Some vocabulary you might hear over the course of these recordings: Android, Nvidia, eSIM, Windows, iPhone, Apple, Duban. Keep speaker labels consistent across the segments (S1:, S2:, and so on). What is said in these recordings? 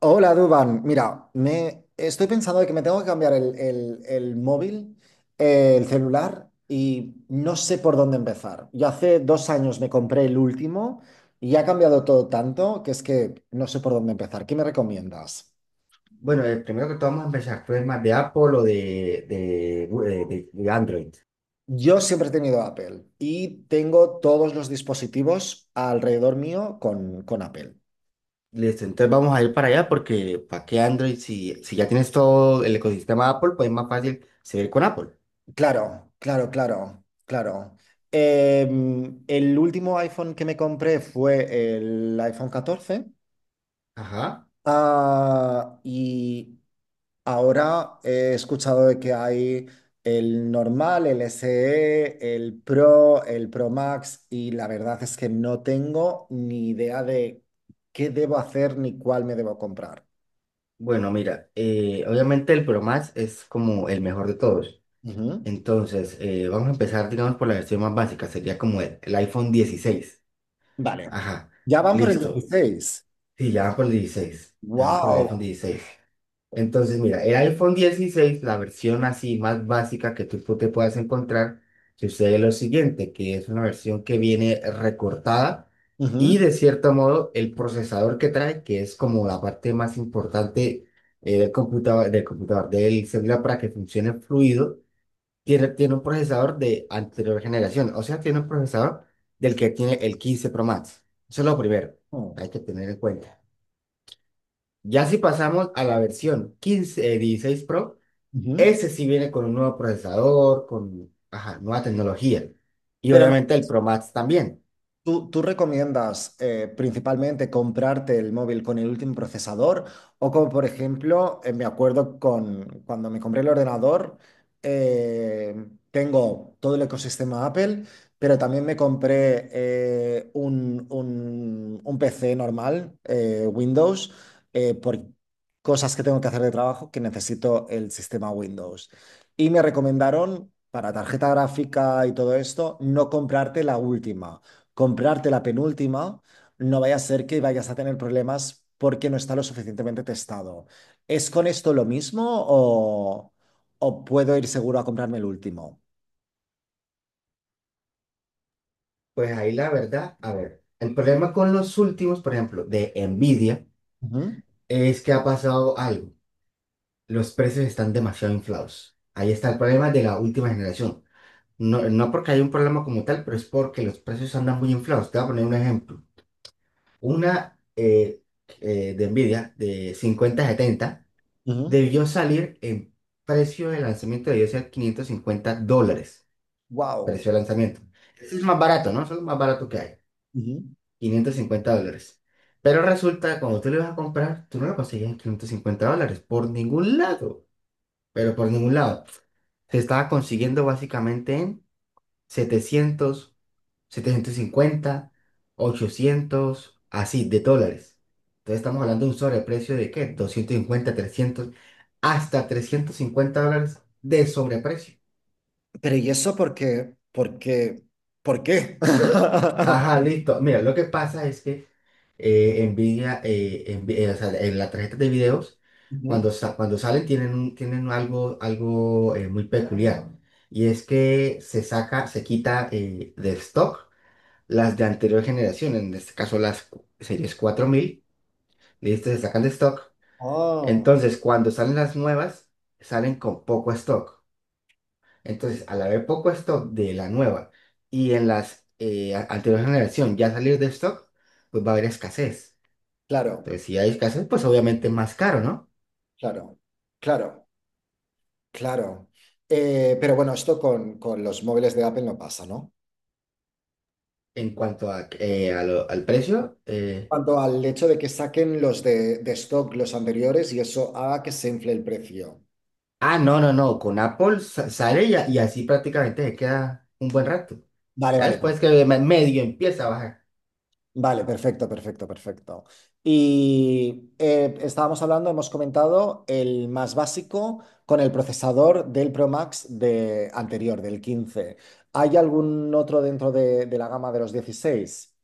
S1: Hola, Duban. Mira, me estoy pensando de que me tengo que cambiar el móvil, el celular, y no sé por dónde empezar. Yo hace 2 años me compré el último y ha cambiado todo tanto que es que no sé por dónde empezar. ¿Qué me recomiendas?
S2: Bueno, primero que todo vamos a empezar, ¿tú eres más de Apple o de Android?
S1: Yo siempre he tenido Apple y tengo todos los dispositivos alrededor mío con Apple.
S2: Listo, entonces vamos a ir para allá porque ¿para qué Android? Si ya tienes todo el ecosistema Apple, pues es más fácil seguir con Apple.
S1: Claro, claro, claro, claro. El último iPhone que me compré fue el iPhone 14.
S2: Ajá.
S1: Ah, y ahora he escuchado de que hay el normal, el SE, el Pro Max, y la verdad es que no tengo ni idea de qué debo hacer ni cuál me debo comprar.
S2: Bueno, mira, obviamente el Pro Max es como el mejor de todos.
S1: Ujú.
S2: Entonces, vamos a empezar, digamos, por la versión más básica, sería como el iPhone dieciséis.
S1: Vale.
S2: Ajá,
S1: Ya van por el
S2: listo.
S1: 16.
S2: Sí, ya van por el 16, ya van por el iPhone
S1: ¡Wow!
S2: dieciséis. Entonces, mira, el iPhone dieciséis la versión así más básica que tú te puedas encontrar, sucede lo siguiente, que es una versión que viene recortada
S1: Ujú.
S2: y de cierto modo el procesador que trae, que es como la parte más importante del computador, del celular para que funcione fluido, tiene un procesador de anterior generación, o sea, tiene un procesador del que tiene el 15 Pro Max. Eso es lo primero, hay que tener en cuenta. Ya si pasamos a la versión 15 16 Pro,
S1: Ujú.
S2: ese sí viene con un nuevo procesador, con ajá, nueva tecnología. Y
S1: Pero
S2: obviamente el Pro Max también.
S1: ¿tú recomiendas principalmente comprarte el móvil con el último procesador? O como por ejemplo, me acuerdo con cuando me compré el ordenador, eh, tengo todo el ecosistema Apple, pero también me compré un PC normal, Windows, por cosas que tengo que hacer de trabajo que necesito el sistema Windows. Y me recomendaron para tarjeta gráfica y todo esto, no comprarte la última comprarte la penúltima, no vaya a ser que vayas a tener problemas porque no está lo suficientemente testado. ¿Es con esto lo mismo o puedo ir seguro a comprarme el último?
S2: Pues ahí la verdad, a ver, el problema con los últimos, por ejemplo, de Nvidia, es que ha pasado algo. Los precios están demasiado inflados. Ahí está el problema de la última generación. No, no porque hay un problema como tal, pero es porque los precios andan muy inflados. Te voy a poner un ejemplo. Una De Nvidia de cincuenta setenta debió salir en precio de lanzamiento, debió ser 550 dólares,
S1: Wow.
S2: precio de lanzamiento. Eso es más barato, ¿no? Eso es lo más barato que hay, 550 dólares. Pero resulta que cuando tú lo ibas a comprar, tú no lo conseguías en 550 dólares, por ningún lado, pero por ningún lado. Se estaba consiguiendo básicamente en 700 750, 800, así, de dólares. Entonces estamos hablando de un sobreprecio de ¿qué? Doscientos cincuenta, 300, hasta 350 dólares de sobreprecio.
S1: Pero ¿y eso por qué? ¿Por qué? ¿Por qué?
S2: Ajá, listo. Mira, lo que pasa es que o sea, en la tarjeta de videos, cuando,
S1: Ujú.
S2: cuando salen tienen, tienen algo, algo muy peculiar. Y es que se saca, se quita de stock las de anterior generación, en este caso las series cuatro mil. Listo, se sacan de stock.
S1: Oh,
S2: Entonces, cuando salen las nuevas, salen con poco stock. Entonces, al haber poco stock de la nueva y en las anterior generación ya salir de stock, pues va a haber escasez.
S1: claro,
S2: Entonces, si hay escasez, pues obviamente es más caro, ¿no?
S1: claro, claro, claro. Pero bueno, esto con los móviles de Apple no pasa, ¿no?
S2: En cuanto a al precio.
S1: Cuanto al hecho de que saquen los de stock, los anteriores, y eso haga que se infle el precio.
S2: Ah, no, no, no. Con Apple sale y así prácticamente se queda un buen rato.
S1: Vale,
S2: Ya
S1: vale,
S2: después que medio empieza a bajar.
S1: vale, perfecto, perfecto, perfecto. Y estábamos hablando, hemos comentado el más básico con el procesador del Pro Max de anterior, del 15. ¿Hay algún otro dentro de la gama de los 16?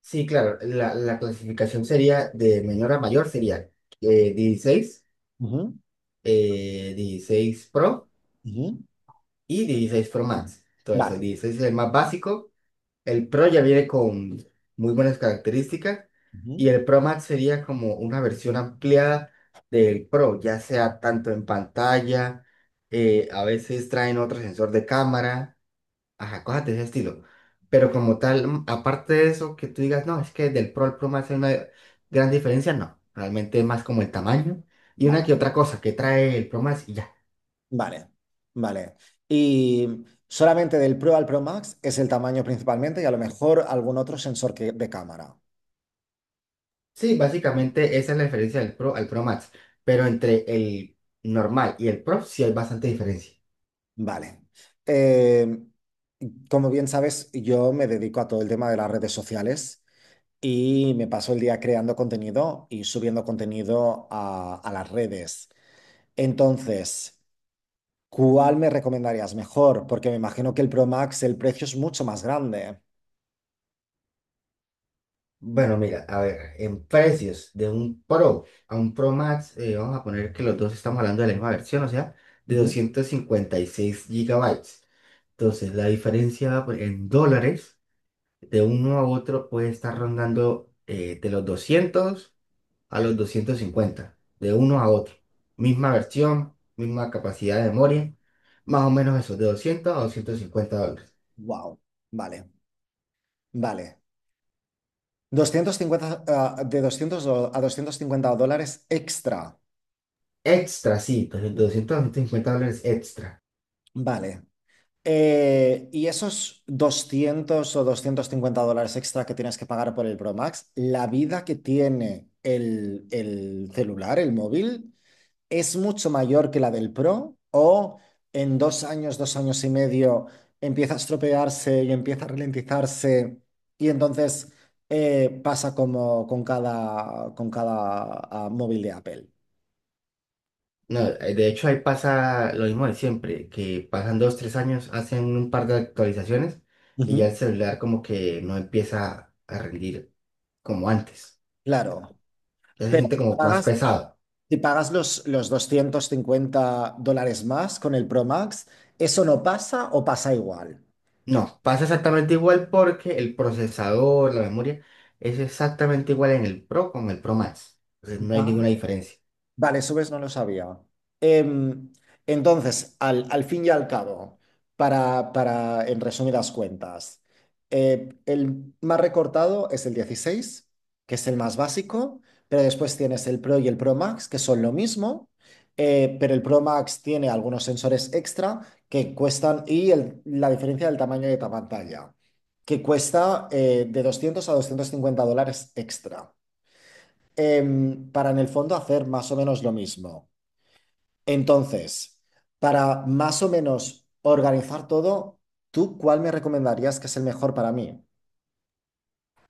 S2: Sí, claro, la clasificación sería de menor a mayor, sería 16,
S1: Ujú,
S2: 16 Pro
S1: ujú.
S2: y 16 Pro Max. Entonces, el
S1: Vale,
S2: 16 es el más básico, el Pro ya viene con muy buenas características
S1: ujú,
S2: y el Pro Max sería como una versión ampliada del Pro, ya sea tanto en pantalla, a veces traen otro sensor de cámara. Ajá, cosas de ese estilo. Pero como tal, aparte de eso, que tú digas, no, es que del Pro al Pro me hace una gran diferencia, no. Realmente es más como el tamaño y una
S1: vale.
S2: que otra cosa que trae el Pro Max y ya.
S1: Vale, vale. Y solamente del Pro al Pro Max es el tamaño principalmente y a lo mejor algún otro sensor que, de cámara.
S2: Sí, básicamente esa es la diferencia del Pro al Pro Max. Pero entre el normal y el Pro sí hay bastante diferencia.
S1: Vale. Eh, Como bien sabes, yo me dedico a todo el tema de las redes sociales y me paso el día creando contenido y subiendo contenido a las redes. Entonces, ¿cuál me recomendarías mejor? Porque me imagino que el Pro Max, el precio es mucho más grande.
S2: Bueno, mira, a ver, en precios de un Pro a un Pro Max, vamos a poner que los dos estamos hablando de la misma versión, o sea, de 256 gigabytes. Entonces, la diferencia pues, en dólares de uno a otro puede estar rondando de los 200 a los 250 de uno a otro. Misma versión, misma capacidad de memoria, más o menos eso, de 200 a 250 dólares.
S1: Wow, vale, vale. 250, de 200 a 250 dólares extra.
S2: Extra, sí, entonces, de 200 a $250 extra.
S1: Vale. Y esos 200 o 250 dólares extra que tienes que pagar por el Pro Max, la vida que tiene el celular, el móvil, es mucho mayor que la del Pro o en 2 años, 2 años y medio empieza a estropearse y empieza a ralentizarse y entonces pasa como con cada móvil de Apple.
S2: No, de hecho, ahí pasa lo mismo de siempre, que pasan dos, tres años, hacen un par de actualizaciones y ya
S1: Ujú.
S2: el celular como que no empieza a rendir como antes.
S1: Claro,
S2: Ya se
S1: pero
S2: siente
S1: si
S2: como más
S1: pagas,
S2: pesado.
S1: si pagas los 250 dólares más con el Pro Max, ¿eso no pasa o pasa igual?
S2: No, pasa exactamente igual porque el procesador, la memoria, es exactamente igual en el Pro con el Pro Max. Entonces no hay
S1: Va.
S2: ninguna diferencia.
S1: Vale, subes no lo sabía. Em, entonces, al fin y al cabo, para, en resumidas cuentas, el más recortado es el 16, que es el más básico, pero después tienes el Pro y el Pro Max, que son lo mismo, pero el Pro Max tiene algunos sensores extra que cuestan, y la diferencia del tamaño de la pantalla, que cuesta de 200 a 250 dólares extra para en el fondo hacer más o menos lo mismo. Entonces, para más o menos organizar todo, ¿tú cuál me recomendarías que es el mejor para mí?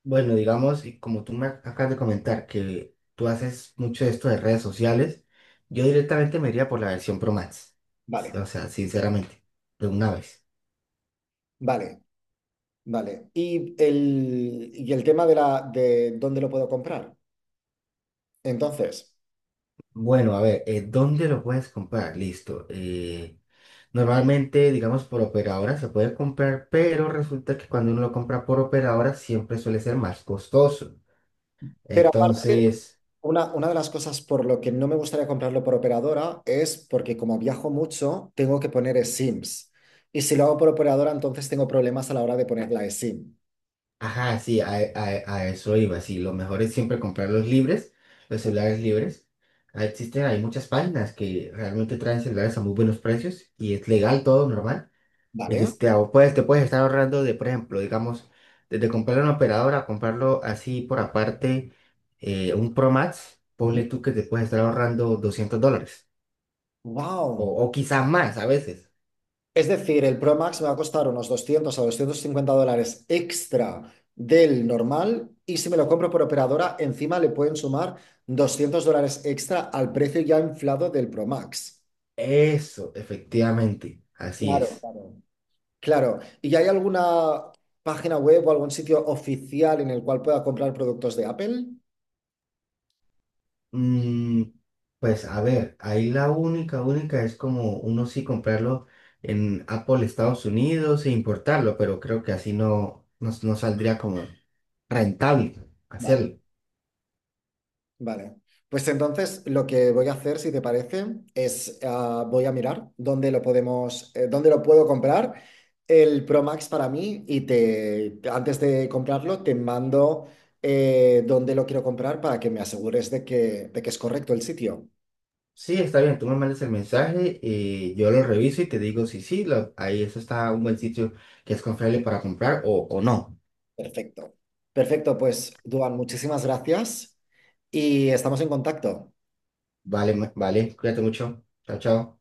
S2: Bueno, digamos, y como tú me acabas de comentar que tú haces mucho de esto de redes sociales, yo directamente me iría por la versión Pro Max.
S1: Vale,
S2: O sea, sinceramente, de una vez.
S1: vale, vale. Y el tema de dónde lo puedo comprar. Entonces,
S2: Bueno, a ver, ¿dónde lo puedes comprar? Listo. Normalmente, digamos, por operadora se puede comprar, pero resulta que cuando uno lo compra por operadora siempre suele ser más costoso.
S1: pero aparte,
S2: Entonces,
S1: una de las cosas por lo que no me gustaría comprarlo por operadora es porque como viajo mucho, tengo que poner eSIMs. Y si lo hago por operadora, entonces tengo problemas a la hora de poner la eSIM,
S2: ajá, sí, a eso iba. Sí, lo mejor es siempre comprar los libres, los celulares libres. Ah, existen, hay muchas páginas que realmente traen celulares a muy buenos precios y es legal todo, normal.
S1: ¿vale?
S2: Puedes, te puedes estar ahorrando de, por ejemplo, digamos, desde comprar una operadora, comprarlo así por aparte, un Pro Max, ponle tú que te puedes estar ahorrando 200 dólares
S1: Wow.
S2: o quizás más a veces.
S1: Es decir, el Pro Max me va a costar unos 200 a 250 dólares extra del normal y si me lo compro por operadora, encima le pueden sumar 200 dólares extra al precio ya inflado del Pro Max.
S2: Eso, efectivamente, así
S1: Claro,
S2: es.
S1: claro. Claro. ¿Y hay alguna página web o algún sitio oficial en el cual pueda comprar productos de Apple?
S2: Mm, pues a ver, ahí la única es como uno sí comprarlo en Apple Estados Unidos e importarlo, pero creo que así no, no, no saldría como rentable
S1: Vale.
S2: hacerlo.
S1: Vale. Pues entonces lo que voy a hacer, si te parece, es voy a mirar dónde lo podemos, dónde lo puedo comprar el Pro Max para mí y te antes de comprarlo te mando dónde lo quiero comprar para que me asegures de que es correcto el sitio.
S2: Sí, está bien, tú me mandas el mensaje, yo lo reviso y te digo si sí, ahí eso está un buen sitio que es confiable para comprar o no.
S1: Perfecto. Perfecto, pues Duan, muchísimas gracias y estamos en contacto.
S2: Vale, vale, cuídate mucho. Chao, chao.